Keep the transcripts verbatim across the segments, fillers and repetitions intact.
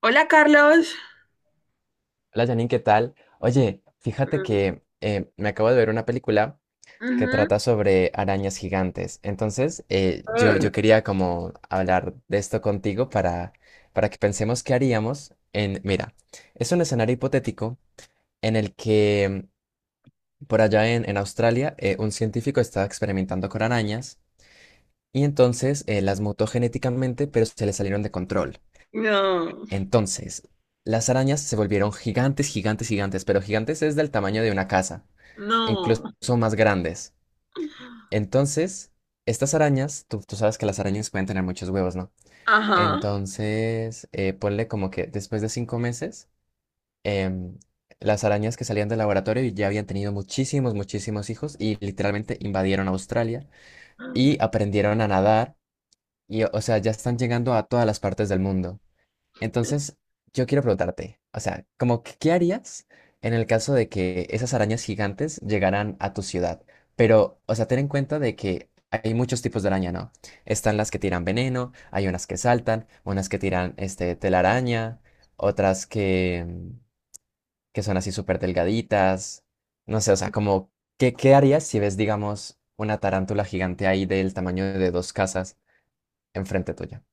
Hola, Carlos. Hola Janine, ¿qué tal? Oye, fíjate Mm, que eh, me acabo de ver una película que ujú. trata sobre arañas gigantes. Entonces, eh, yo, Ah, yo quería como hablar de esto contigo para, para que pensemos qué haríamos en... Mira, es un escenario hipotético en el que mm, por allá en, en Australia eh, un científico estaba experimentando con arañas y entonces eh, las mutó genéticamente, pero se le salieron de control. no, Entonces, las arañas se volvieron gigantes, gigantes, gigantes, pero gigantes es del tamaño de una casa, e incluso no. más grandes. Entonces, estas arañas, tú, tú sabes que las arañas pueden tener muchos huevos, ¿no? Ajá. Entonces, eh, ponle como que después de cinco meses, em, las arañas que salían del laboratorio ya habían tenido muchísimos, muchísimos hijos y literalmente invadieron Australia y aprendieron a nadar y, o sea, ya están llegando a todas las partes del mundo. Entonces, yo quiero preguntarte, o sea, como que ¿qué harías en el caso de que esas arañas gigantes llegaran a tu ciudad? Pero, o sea, ten en cuenta de que hay muchos tipos de araña, ¿no? Están las que tiran veneno, hay unas que saltan, unas que tiran este telaraña, otras que, mm, que son así súper delgaditas. No sé, o sea, como, ¿qué, qué harías si ves, digamos, una tarántula gigante ahí del tamaño de dos casas enfrente tuya?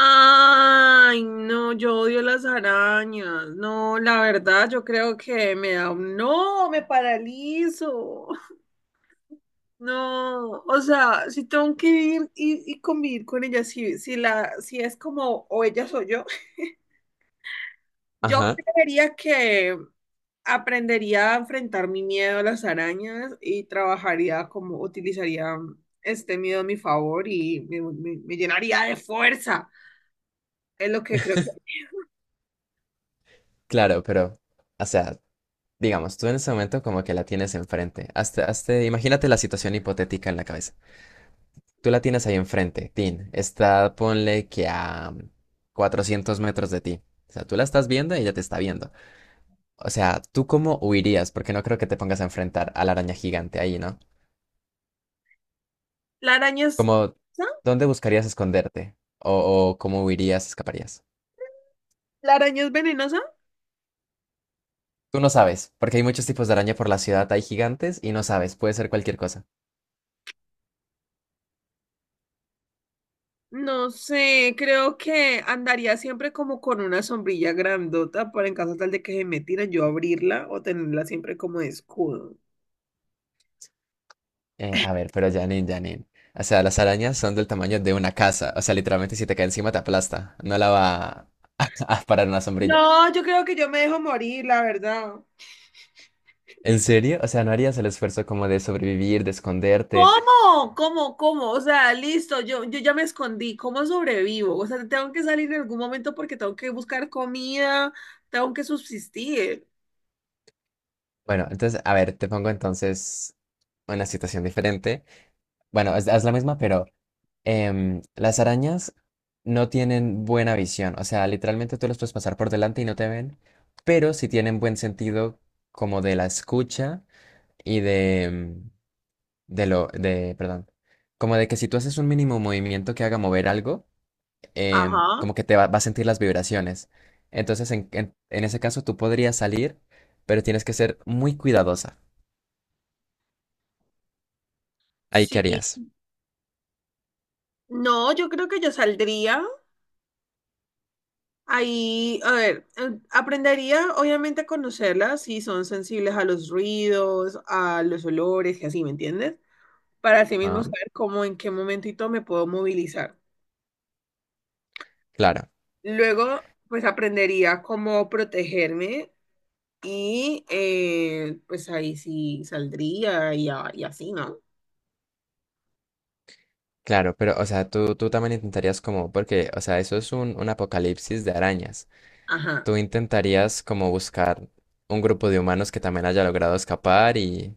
Ay, no, yo odio las arañas. No, la verdad, yo creo que me da un... No, me paralizo. No, o sea, si tengo que vivir y, y convivir con ellas, si, si, la, si es como o ellas o yo, yo Ajá, creería que aprendería a enfrentar mi miedo a las arañas y trabajaría como utilizaría mm, este miedo a mi favor y me, me- me llenaría de fuerza. Es lo que creo que... claro, pero, o sea, digamos, tú en ese momento como que la tienes enfrente. Hasta, hasta, imagínate la situación hipotética en la cabeza. Tú la tienes ahí enfrente, Tin. Está, ponle que a 400 metros de ti. O sea, tú la estás viendo y ella te está viendo. O sea, ¿tú cómo huirías? Porque no creo que te pongas a enfrentar a la araña gigante ahí, ¿no? ¿La araña es Como, venenosa? ¿dónde buscarías esconderte? O, o cómo huirías, escaparías. ¿La araña es venenosa? Tú no sabes, porque hay muchos tipos de araña por la ciudad. Hay gigantes y no sabes. Puede ser cualquier cosa. No sé, creo que andaría siempre como con una sombrilla grandota para en caso tal de que se me tiren yo abrirla o tenerla siempre como de escudo. Eh, a ver, pero Janine, Janine. O sea, las arañas son del tamaño de una casa. O sea, literalmente si te cae encima te aplasta. No la va a, a parar una sombrilla. No, yo creo que yo me dejo morir, la verdad. ¿En serio? O sea, ¿no harías el esfuerzo como de sobrevivir, de esconderte? ¿Cómo? ¿Cómo? ¿Cómo? O sea, listo, yo, yo ya me escondí. ¿Cómo sobrevivo? O sea, tengo que salir en algún momento porque tengo que buscar comida, tengo que subsistir. Bueno, entonces, a ver, te pongo entonces una situación diferente. Bueno, es, es la misma, pero em, las arañas no tienen buena visión. O sea, literalmente tú las puedes pasar por delante y no te ven, pero sí tienen buen sentido como de la escucha y de... em, de lo, de, perdón, como de que si tú haces un mínimo movimiento que haga mover algo, em, Ajá. como que te va, va a sentir las vibraciones. Entonces, en, en, en ese caso, tú podrías salir, pero tienes que ser muy cuidadosa. Ahí, ¿qué Sí. harías? No, yo creo que yo saldría. Ahí, a ver, eh, aprendería obviamente a conocerlas si son sensibles a los ruidos, a los olores y así, ¿me entiendes? Para así mismo Ajá, saber cómo en qué momento y todo me puedo movilizar. claro, Luego, pues aprendería cómo protegerme y eh, pues ahí sí saldría y, a- y así, ¿no? claro, pero, o sea, tú, tú también intentarías como, porque, o sea, eso es un, un apocalipsis de arañas. Ajá. Tú intentarías como buscar un grupo de humanos que también haya logrado escapar y,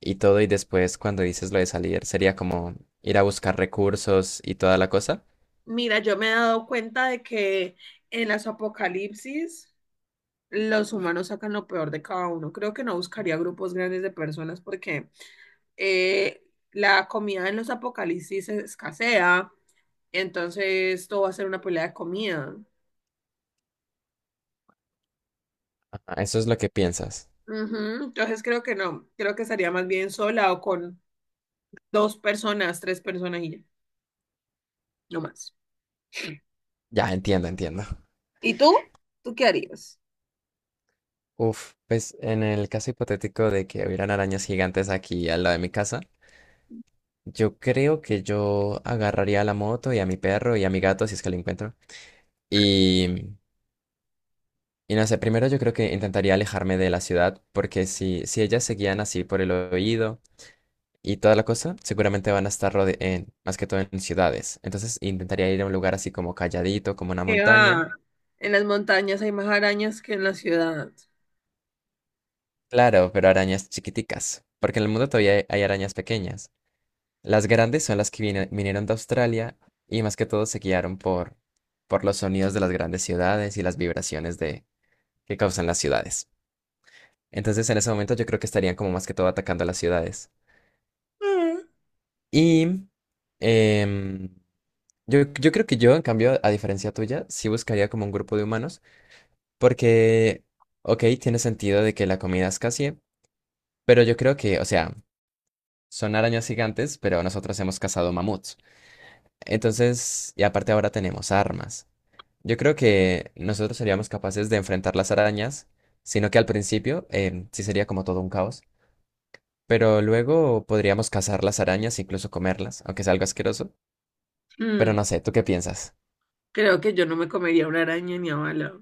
y todo, y después cuando dices lo de salir, sería como ir a buscar recursos y toda la cosa. Mira, yo me he dado cuenta de que en las apocalipsis los humanos sacan lo peor de cada uno. Creo que no buscaría grupos grandes de personas porque eh, la comida en los apocalipsis escasea, entonces todo va a ser una pelea de comida. Ajá, eso es lo que piensas. Ujú. Entonces creo que no, creo que estaría más bien sola o con dos personas, tres personas y ya, no más. Ya, entiendo, entiendo. ¿Y tú? ¿Tú qué harías? Uf, pues en el caso hipotético de que hubieran arañas gigantes aquí al lado de mi casa, yo creo que yo agarraría a la moto y a mi perro y a mi gato si es que lo encuentro. Y, y no sé, primero yo creo que intentaría alejarme de la ciudad porque si, si ellas seguían así por el oído y toda la cosa, seguramente van a estar rode- en, más que todo en ciudades. Entonces intentaría ir a un lugar así como calladito, como una Que montaña. va, en las montañas hay más arañas que en la ciudad. Claro, pero arañas chiquiticas, porque en el mundo todavía hay, hay arañas pequeñas. Las grandes son las que vine- vinieron de Australia y más que todo se guiaron por, por los sonidos de las grandes ciudades y las vibraciones de, que causan las ciudades. Entonces en ese momento yo creo que estarían como más que todo atacando las ciudades. Mm. Y em, yo, yo creo que yo, en cambio, a diferencia tuya, sí buscaría como un grupo de humanos. Porque, ok, tiene sentido de que la comida escasee, pero yo creo que, o sea, son arañas gigantes, pero nosotros hemos cazado mamuts. Entonces, y aparte ahora tenemos armas. Yo creo que nosotros seríamos capaces de enfrentar las arañas, sino que al principio em, sí sería como todo un caos, pero luego podríamos cazar las arañas, incluso comerlas, aunque sea algo asqueroso. Pero Mm, no sé, ¿tú qué piensas? creo que yo no me comería una araña ni a bala.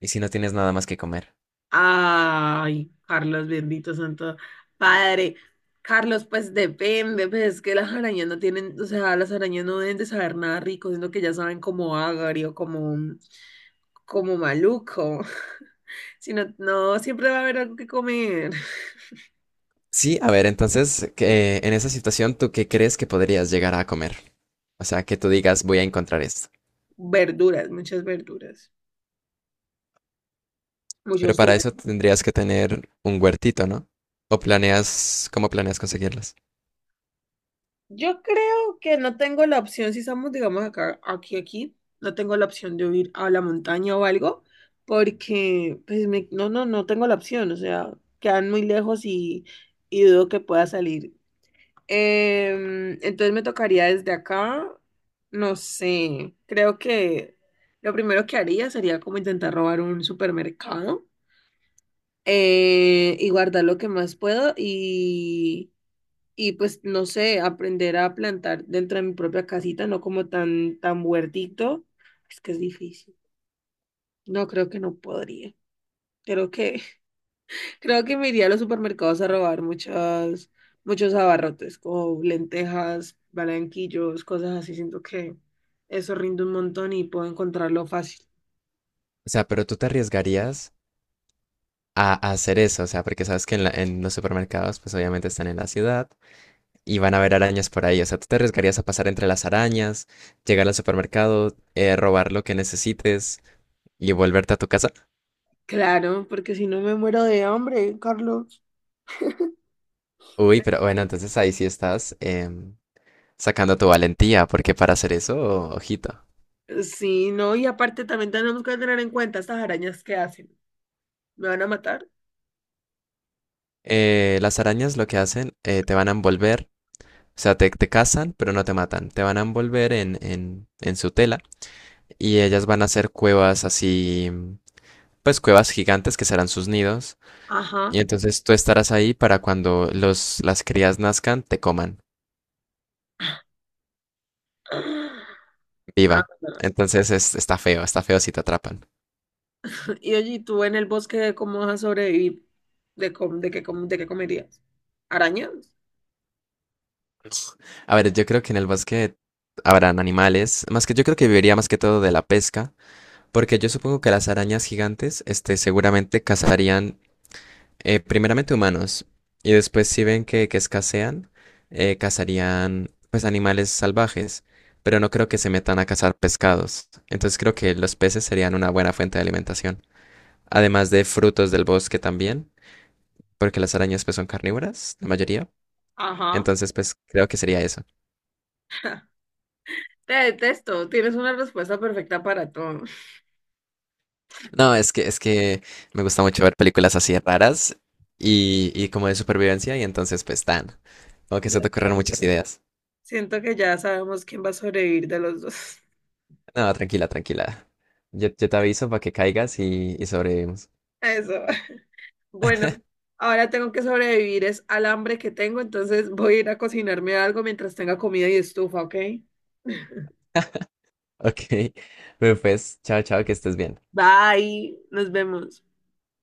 ¿Y si no tienes nada más que comer? Ay, Carlos, bendito santo padre. Carlos, pues depende, pues es que las arañas no tienen, o sea, las arañas no deben de saber nada rico, sino que ya saben como agrio, como, como maluco. Si no, no, siempre va a haber algo que comer. Sí, a ver, entonces, que, en esa situación, ¿tú qué crees que podrías llegar a comer? O sea, que tú digas, voy a encontrar esto. Verduras, muchas verduras, Pero muchos para tubérculos. eso tendrías que tener un huertito, ¿no? ¿O planeas, cómo planeas conseguirlas? Yo creo que no tengo la opción, si estamos, digamos, acá, aquí, aquí, no tengo la opción de huir a la montaña o algo, porque, pues, me- no, no, no tengo la opción, o sea, quedan muy lejos y, y dudo que pueda salir. Em, entonces me tocaría desde acá, no sé, creo que lo primero que haría sería como intentar robar un supermercado eh, y guardar lo que más puedo y pues no sé, aprender a plantar dentro de mi propia casita, no como tan, tan huertito, es que es difícil. No creo que no podría. Creo que, creo que me iría a los supermercados a robar muchas, muchos abarrotes, como lentejas, balanquillos, cosas así. Siento que eso rinde un montón y puedo encontrarlo fácil. O sea, pero tú te arriesgarías a, a hacer eso, o sea, porque sabes que en, la- en los supermercados, pues obviamente están en la ciudad y van a haber arañas por ahí. O sea, tú te arriesgarías a pasar entre las arañas, llegar al supermercado, eh, robar lo que necesites y volverte a tu casa. Claro, porque si no me muero de hambre, Carlos. Uy, Me- pero bueno, entonces ahí sí estás em, sacando tu valentía, porque para hacer eso, ojito. Sí, no, y aparte también tenemos que tener en cuenta estas arañas que hacen. ¿Me van a matar? Eh, las arañas lo que hacen, eh, te van a envolver, o sea, te, te cazan, pero no te matan. Te van a envolver en, en, en su tela y ellas van a hacer cuevas así, pues cuevas gigantes que serán sus nidos. Y Ajá. entonces tú estarás ahí para cuando los, las crías nazcan, te coman Ah, viva. Entonces es- está feo, está feo si te atrapan. y allí tú en el bosque, ¿cómo vas a sobrevivir? ¿De, com- de, qué, com- de qué comerías? ¿Arañas? A ver, yo creo que en el bosque habrán animales, más que yo creo que viviría más que todo de la pesca, porque yo supongo que las arañas gigantes, este, seguramente cazarían Eh, primeramente humanos, y después si ven que, que escasean, eh, cazarían pues animales salvajes, pero no creo que se metan a cazar pescados. Entonces creo que los peces serían una buena fuente de alimentación. Además de frutos del bosque también, porque las arañas pues son carnívoras, la mayoría. Ajá. Entonces pues creo que sería eso. Te detesto. Tienes una respuesta perfecta para todo. No, es que, es que me gusta mucho ver películas así raras y, y como de supervivencia y entonces pues tan, como que se Ya te ocurren sabemos. muchas ideas. Siento que ya sabemos quién va a sobrevivir de los dos. No, tranquila, tranquila. Yo, yo te aviso para que caigas y, y sobrevivimos. Eso. Bueno, ahora tengo que sobrevivir es al hambre que tengo, entonces voy a ir a cocinarme algo mientras tenga comida y estufa, ¿ok? Ok. Bueno, pues, chao, chao, que estés bien. Bye, nos vemos.